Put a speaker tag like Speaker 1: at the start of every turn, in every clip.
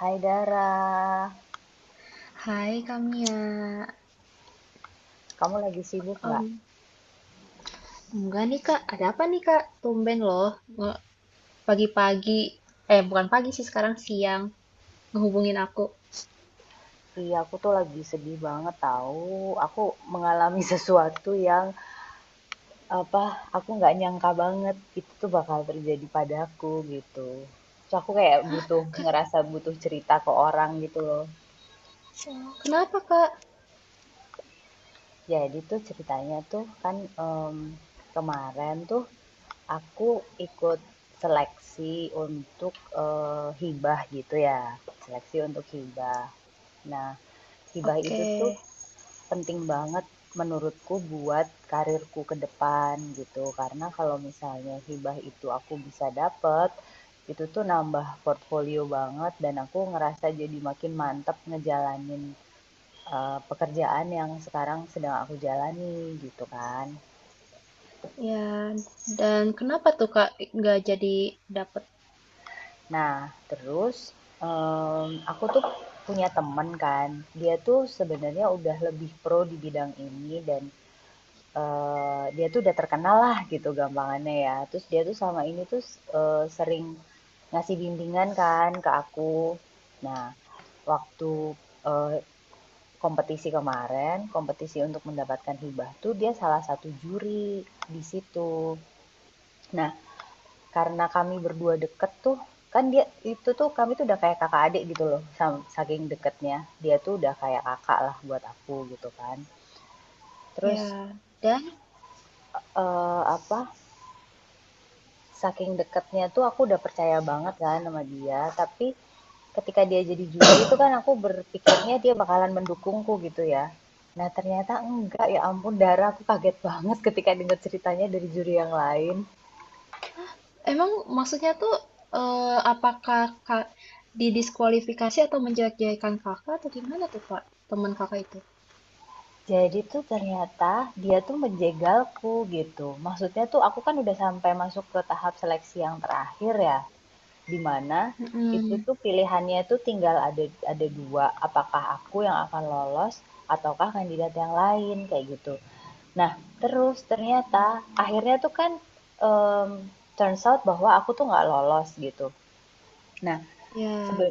Speaker 1: Hai Dara,
Speaker 2: Hai Kamia,
Speaker 1: kamu lagi sibuk nggak?
Speaker 2: Em, enggak nih Kak, ada apa nih Kak? Tumben loh, nge- pagi-pagi, eh bukan pagi sih sekarang siang, ngehubungin aku.
Speaker 1: Iya, aku tuh lagi sedih banget tahu. Aku mengalami sesuatu yang apa? Aku nggak nyangka banget itu tuh bakal terjadi padaku gitu. Terus aku kayak butuh ngerasa butuh cerita ke orang gitu loh.
Speaker 2: Oh, kenapa Kak?
Speaker 1: Jadi tuh ceritanya tuh kan kemarin tuh aku ikut seleksi untuk hibah gitu ya. Seleksi untuk hibah. Nah, hibah
Speaker 2: Oke,
Speaker 1: itu tuh penting banget menurutku buat karirku ke depan gitu. Karena kalau misalnya hibah itu aku bisa dapet, itu tuh nambah portfolio banget dan aku ngerasa jadi makin mantep ngejalanin, pekerjaan yang sekarang sedang aku jalani gitu kan.
Speaker 2: ya, dan kenapa tuh Kak nggak jadi dapet?
Speaker 1: Nah terus, aku tuh punya temen kan, dia tuh sebenarnya udah lebih pro di bidang ini dan dia tuh udah terkenal lah gitu gampangannya ya. Terus dia tuh selama ini tuh, sering ngasih bimbingan kan ke aku. Nah, waktu, eee, kompetisi kemarin, kompetisi untuk mendapatkan hibah tuh dia salah satu juri di situ. Nah, karena kami berdua deket tuh, kan dia itu tuh kami tuh udah kayak kakak adik gitu loh, saking deketnya. Dia tuh udah kayak kakak lah buat aku gitu kan. Terus,
Speaker 2: Ya, dan
Speaker 1: eee, apa, saking deketnya tuh aku udah percaya banget kan sama dia, tapi ketika dia jadi juri itu kan aku berpikirnya dia bakalan mendukungku gitu ya. Nah, ternyata enggak, ya ampun Dara, aku kaget banget ketika dengar ceritanya dari juri yang lain.
Speaker 2: emang maksudnya tuh, eh, apakah Kak didiskualifikasi atau menjelek-jelekan Kakak atau gimana tuh Kak, teman Kakak itu?
Speaker 1: Jadi tuh ternyata dia tuh menjegalku gitu. Maksudnya tuh aku kan udah sampai masuk ke tahap seleksi yang terakhir ya. Dimana itu
Speaker 2: Mm-mm.
Speaker 1: tuh pilihannya tuh tinggal ada dua, apakah aku yang akan lolos ataukah kandidat yang lain kayak gitu. Nah terus ternyata akhirnya tuh kan um, turns out bahwa aku tuh nggak lolos gitu. Nah,
Speaker 2: Ya,
Speaker 1: sebe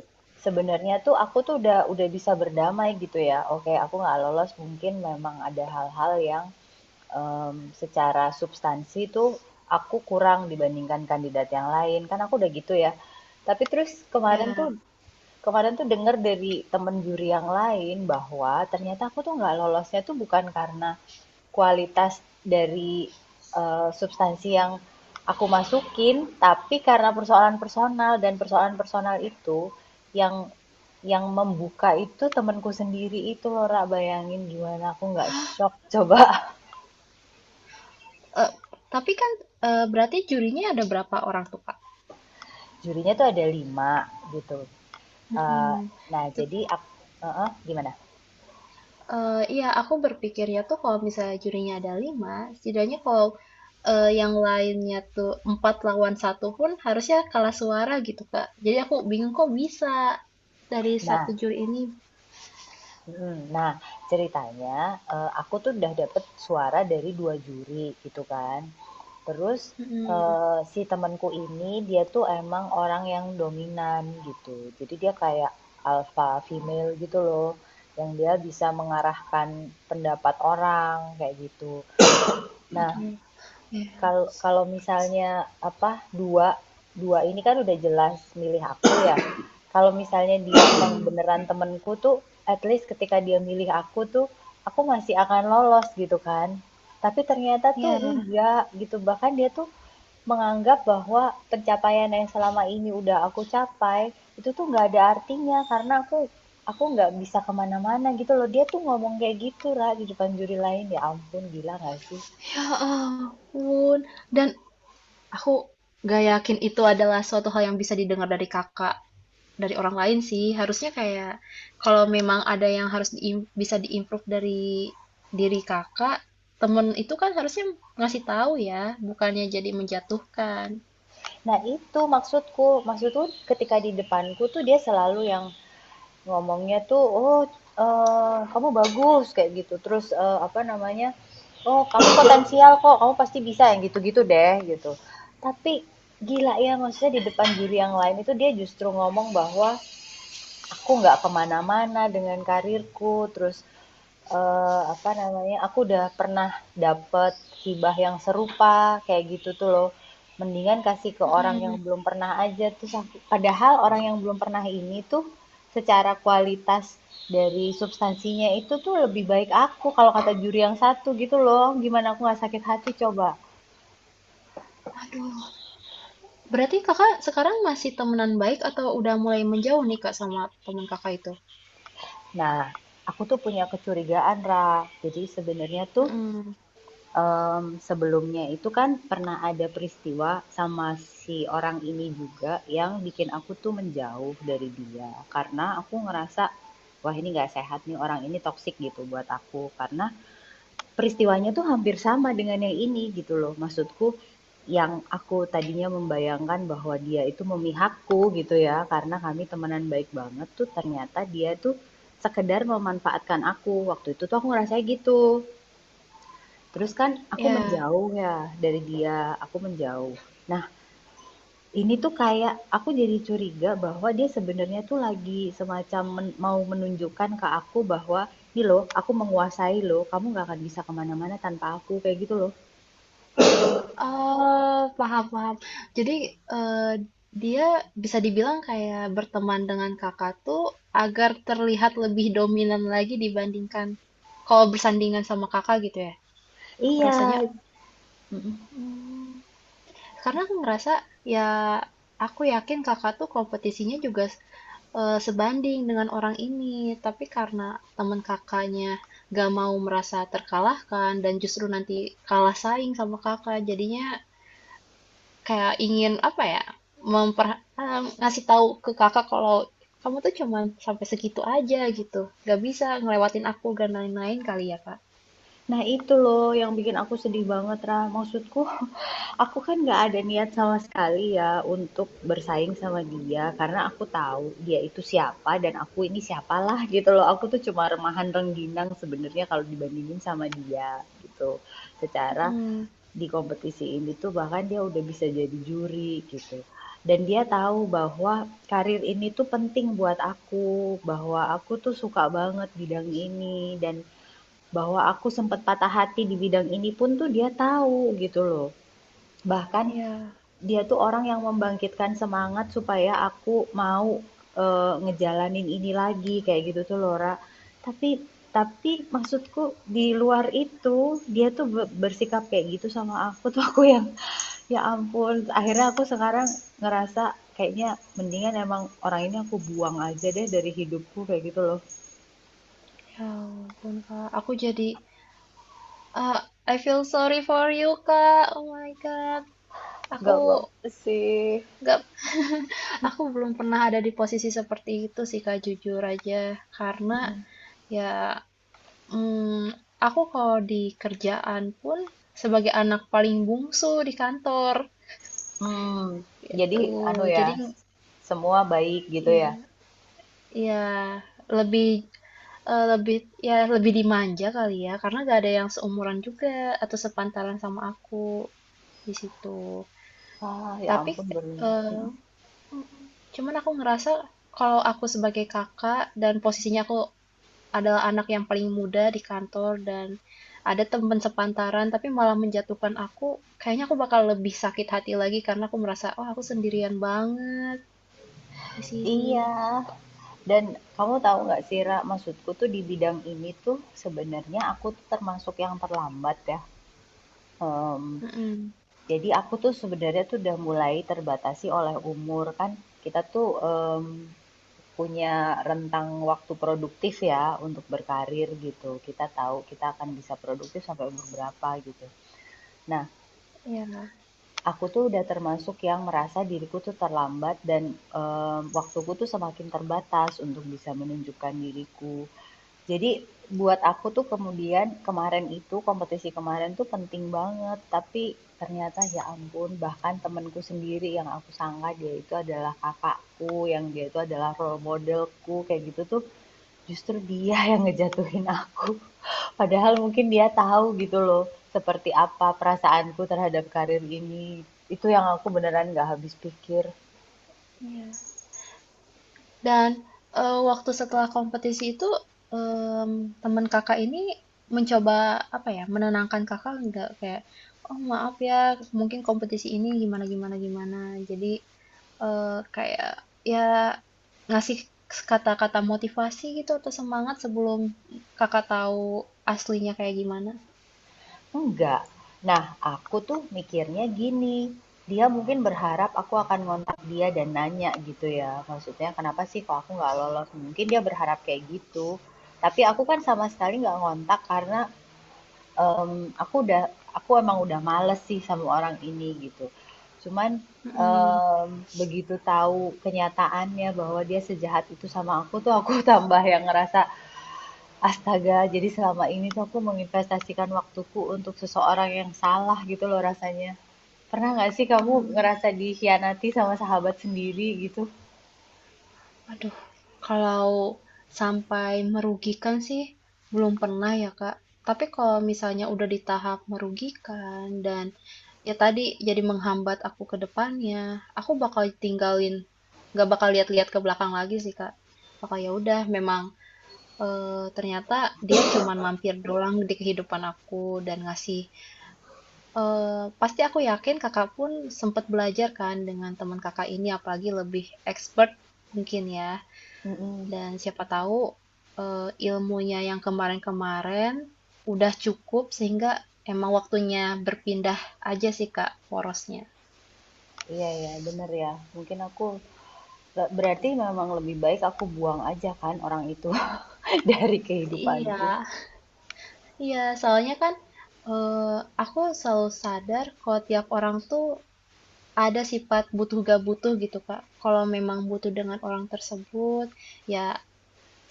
Speaker 1: sebenarnya tuh aku tuh udah bisa berdamai gitu ya, oke aku nggak lolos, mungkin memang ada hal-hal yang em, secara substansi tuh aku kurang dibandingkan kandidat yang lain kan, aku udah gitu ya. Tapi terus
Speaker 2: ya.
Speaker 1: kemarin tuh dengar dari temen juri yang lain bahwa ternyata aku tuh nggak lolosnya tuh bukan karena kualitas dari substansi yang aku masukin, tapi karena persoalan personal, dan persoalan personal itu yang membuka itu temanku sendiri itu loh. Ra, bayangin gimana aku nggak shock coba?
Speaker 2: Eee, tapi kan, berarti jurinya ada berapa orang tuh, Kak?
Speaker 1: Jurinya tuh ada 5 gitu. Eh,
Speaker 2: Mhm,
Speaker 1: nah
Speaker 2: tep
Speaker 1: jadi aku, gimana?
Speaker 2: Iya, aku berpikirnya tuh kalau misalnya jurinya ada 5, setidaknya kalau, yang lainnya tuh 4 lawan satu pun harusnya kalah suara gitu, Kak. Jadi aku bingung kok bisa dari
Speaker 1: Nah,
Speaker 2: satu juri ini
Speaker 1: mm, nah ceritanya aku tuh udah dapet suara dari dua juri gitu kan. Terus
Speaker 2: mhm.
Speaker 1: eh, si temanku ini dia tuh emang orang yang dominan gitu. Jadi dia kayak alpha female gitu loh, yang dia bisa mengarahkan pendapat orang kayak gitu. Nah,
Speaker 2: Aduh, ya.
Speaker 1: kalau kalau misalnya apa dua dua ini kan udah jelas milih aku ya. Kalau misalnya dia emang
Speaker 2: Mhm,
Speaker 1: beneran temenku tuh, at least ketika dia milih aku tuh, aku masih akan lolos gitu kan. Tapi ternyata tuh
Speaker 2: iya.
Speaker 1: enggak gitu. Bahkan dia tuh menganggap bahwa pencapaian yang selama ini udah aku capai itu tuh nggak ada artinya karena aku nggak bisa kemana-mana gitu loh, dia tuh ngomong kayak gitu lah di depan juri lain. Ya ampun, gila nggak sih?
Speaker 2: Ya ampun, dan aku gak yakin itu adalah suatu hal yang bisa didengar dari Kakak, dari orang lain sih. Harusnya kayak kalau memang ada yang harus bisa diimprove dari diri kakak, temen itu kan harusnya ngasih tahu ya, bukannya jadi menjatuhkan.
Speaker 1: Nah, itu maksudku. Maksudku ketika di depanku tuh dia selalu yang ngomongnya tuh, "Oh, kamu bagus," kayak gitu. Terus eh, apa namanya? "Oh, kamu potensial kok. Kamu pasti bisa." Yang gitu-gitu deh, gitu. Tapi gila ya, maksudnya di depan juri yang lain itu dia justru ngomong bahwa aku nggak kemana-mana dengan karirku. Terus apa namanya, aku udah pernah dapet hibah yang serupa kayak gitu tuh loh. Mendingan kasih ke orang yang
Speaker 2: Mm-mm.
Speaker 1: belum pernah aja, terus aku padahal orang yang belum pernah ini tuh secara kualitas dari substansinya itu tuh lebih baik aku kalau kata juri yang satu gitu loh. Gimana aku nggak sakit hati coba?
Speaker 2: Aduh, berarti kakak sekarang masih temenan baik atau udah mulai menjauh nih kak sama temen kakak itu?
Speaker 1: Nah, aku tuh punya kecurigaan, Ra. Jadi sebenarnya tuh
Speaker 2: Mm.
Speaker 1: Sebelumnya itu kan pernah ada peristiwa sama si orang ini juga yang bikin aku tuh menjauh dari dia, karena aku ngerasa, "Wah ini nggak sehat nih, orang ini toksik gitu buat aku." Karena peristiwanya tuh hampir sama dengan yang ini gitu loh. Maksudku, yang aku tadinya membayangkan bahwa dia itu memihakku gitu ya, karena kami temenan baik banget tuh, ternyata dia tuh sekedar memanfaatkan aku, waktu itu tuh aku ngerasa gitu. Terus kan aku
Speaker 2: Ya.
Speaker 1: menjauh ya dari dia, aku menjauh. Nah, ini tuh kayak aku jadi curiga bahwa dia sebenarnya tuh lagi semacam mau menunjukkan ke aku bahwa ini loh, aku menguasai loh, kamu nggak akan bisa kemana-mana tanpa aku, kayak gitu loh.
Speaker 2: Oh, paham, paham. Jadi, eh, dia bisa dibilang kayak berteman dengan kakak tuh agar terlihat lebih dominan lagi dibandingkan kalau bersandingan sama kakak gitu ya. Aku
Speaker 1: Iya,
Speaker 2: rasanya,
Speaker 1: mm-mm.
Speaker 2: hmm, karena aku ngerasa ya aku yakin kakak tuh kompetisinya juga eh, sebanding dengan orang ini, tapi karena teman kakaknya gak mau merasa terkalahkan dan justru nanti kalah saing sama kakak, jadinya kayak ingin apa ya memper ngasih tahu ke kakak kalau kamu tuh cuman sampai segitu aja gitu, nggak bisa ngelewatin aku dan lain-lain kali ya kak.
Speaker 1: Nah itu loh yang bikin aku sedih banget, Ra. Maksudku aku kan nggak ada niat sama sekali ya untuk bersaing sama dia, karena aku tahu dia itu siapa dan aku ini siapalah gitu loh. Aku tuh cuma remahan rengginang sebenarnya kalau dibandingin sama dia gitu. Secara
Speaker 2: Hmm,
Speaker 1: di kompetisi ini tuh bahkan dia udah bisa jadi juri gitu. Dan dia tahu bahwa karir ini tuh penting buat aku, bahwa aku tuh suka banget bidang ini dan bahwa aku sempat patah hati di bidang ini pun tuh dia tahu gitu loh. Bahkan
Speaker 2: ya.
Speaker 1: dia tuh orang yang membangkitkan semangat supaya aku mau, ngejalanin ini lagi, kayak gitu tuh loh. Tapi tapi maksudku di luar itu, dia tuh bersikap kayak gitu sama aku tuh, aku yang, ya ampun, akhirnya aku sekarang ngerasa kayaknya mendingan emang orang ini aku buang aja deh dari hidupku, kayak gitu loh.
Speaker 2: Ya ampun kak, aku jadi ah, I feel sorry for you kak, oh my god.
Speaker 1: Nggak
Speaker 2: aku
Speaker 1: apa-apa sih.
Speaker 2: nggak aku belum pernah ada di posisi seperti itu sih kak jujur aja, karena
Speaker 1: Hmm,
Speaker 2: ya hmm, aku kalau di kerjaan pun sebagai anak paling bungsu di kantor
Speaker 1: jadi
Speaker 2: gitu,
Speaker 1: anu
Speaker 2: jadi
Speaker 1: ya, semua baik gitu ya?
Speaker 2: ya ya lebih eh, lebih ya lebih dimanja kali ya karena gak ada yang seumuran juga atau sepantaran sama aku di situ.
Speaker 1: Ah, ya
Speaker 2: Tapi
Speaker 1: ampun beruntung,
Speaker 2: eh,
Speaker 1: mhm.
Speaker 2: cuman aku ngerasa kalau aku sebagai kakak dan posisinya aku adalah anak yang paling muda di kantor dan ada teman sepantaran tapi malah menjatuhkan aku, kayaknya aku bakal lebih sakit hati lagi karena aku merasa oh aku sendirian banget di sini.
Speaker 1: Iya, dan kamu tahu nggak sih Ra, maksudku tuh di bidang ini tuh sebenarnya aku tuh termasuk yang terlambat ya. Em,
Speaker 2: Mm,
Speaker 1: jadi aku tuh sebenarnya tuh udah mulai terbatasi oleh umur kan. Kita tuh punya rentang waktu produktif ya untuk berkarir gitu. Kita tahu kita akan bisa produktif sampai umur berapa gitu. Nah,
Speaker 2: ya.
Speaker 1: aku tuh udah termasuk yang merasa diriku tuh terlambat dan waktuku tuh semakin terbatas untuk bisa menunjukkan diriku. Jadi buat aku tuh kemudian kemarin itu, kompetisi kemarin tuh penting banget, tapi ternyata ya ampun, bahkan temanku sendiri yang aku sangka dia itu adalah kakakku, yang dia itu adalah role modelku, kayak gitu tuh justru dia yang ngejatuhin aku. Padahal mungkin dia tahu gitu loh, seperti apa perasaanku terhadap karir ini. Itu yang aku beneran gak habis pikir.
Speaker 2: Iya. Dan eh, waktu setelah kompetisi itu em, teman kakak ini mencoba apa ya menenangkan kakak nggak, kayak oh maaf ya mungkin kompetisi ini gimana gimana gimana, jadi eh, kayak ya ngasih kata-kata motivasi gitu atau semangat sebelum kakak tahu aslinya kayak gimana.
Speaker 1: Enggak. Nah, aku tuh mikirnya gini, dia mungkin berharap aku akan ngontak dia dan nanya gitu ya. Maksudnya kenapa sih kok aku nggak lolos? Mungkin dia berharap kayak gitu. Tapi aku kan sama sekali nggak ngontak karena em, aku udah aku emang udah males sih sama orang ini gitu. Cuman
Speaker 2: Mm-mm.
Speaker 1: em, begitu tahu kenyataannya bahwa dia sejahat itu sama aku tuh aku tambah yang ngerasa astaga, jadi selama ini tuh aku menginvestasikan waktuku untuk seseorang yang salah gitu loh rasanya. Pernah nggak sih kamu
Speaker 2: Mm-mm.
Speaker 1: ngerasa dikhianati sama sahabat sendiri gitu?
Speaker 2: Aduh, kalau sampai merugikan sih belum pernah ya, Kak. Tapi kalau misalnya udah di tahap merugikan dan ya tadi jadi menghambat aku ke depannya, aku bakal tinggalin, gak bakal lihat-lihat ke belakang lagi sih, Kak. Bakal ya udah, memang eh, ternyata dia cuman mampir doang di kehidupan aku dan ngasih. Eh, pasti aku yakin kakak pun sempat belajar kan dengan teman kakak ini, apalagi lebih expert mungkin ya.
Speaker 1: Mhm,
Speaker 2: Dan siapa tahu eh, ilmunya yang kemarin-kemarin udah cukup sehingga emang waktunya berpindah aja sih Kak porosnya.
Speaker 1: iya ya, bener ya. Mungkin aku berarti memang lebih baik aku buang aja kan orang itu dari
Speaker 2: Iya,
Speaker 1: kehidupanku.
Speaker 2: iya soalnya kan eh, aku selalu sadar kalau tiap orang tuh ada sifat butuh gak butuh gitu Kak. Kalau memang butuh dengan orang tersebut, ya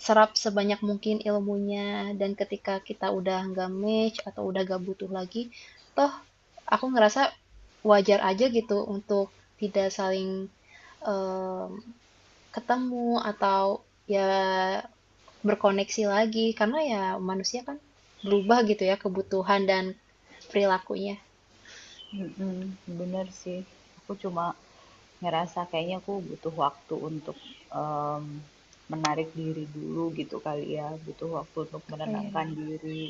Speaker 2: serap sebanyak mungkin ilmunya dan ketika kita udah nggak match atau udah gak butuh lagi, toh aku ngerasa wajar aja gitu untuk tidak saling em, ketemu atau ya berkoneksi lagi karena ya manusia kan berubah gitu ya kebutuhan dan perilakunya.
Speaker 1: Mhm, bener sih. Aku cuma ngerasa kayaknya aku butuh waktu untuk, mmm, menarik diri dulu gitu kali ya, butuh waktu untuk
Speaker 2: Oh iya,
Speaker 1: menenangkan diri.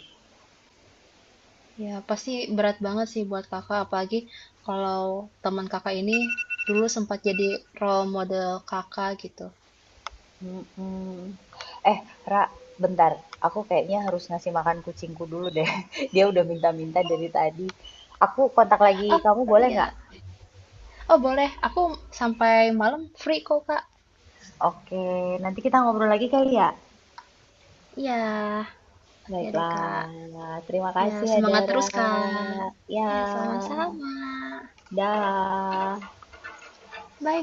Speaker 2: ya pasti berat banget sih buat kakak apalagi kalau teman kakak ini dulu sempat jadi role model kakak gitu.
Speaker 1: Mhm. Eh, Ra, bentar. Aku kayaknya harus ngasih makan kucingku dulu deh. Dia udah minta-minta dari tadi. Aku kontak lagi
Speaker 2: Oh
Speaker 1: kamu boleh nggak?
Speaker 2: iya, oh boleh, aku sampai malam free kok kak.
Speaker 1: Oke, nanti kita ngobrol lagi kali ya.
Speaker 2: Iya, oke deh kak.
Speaker 1: Baiklah, terima
Speaker 2: Ya,
Speaker 1: kasih ya
Speaker 2: semangat
Speaker 1: Dara.
Speaker 2: terus, Kak. Ya,
Speaker 1: Ya,
Speaker 2: sama-sama.
Speaker 1: dah.
Speaker 2: Bye.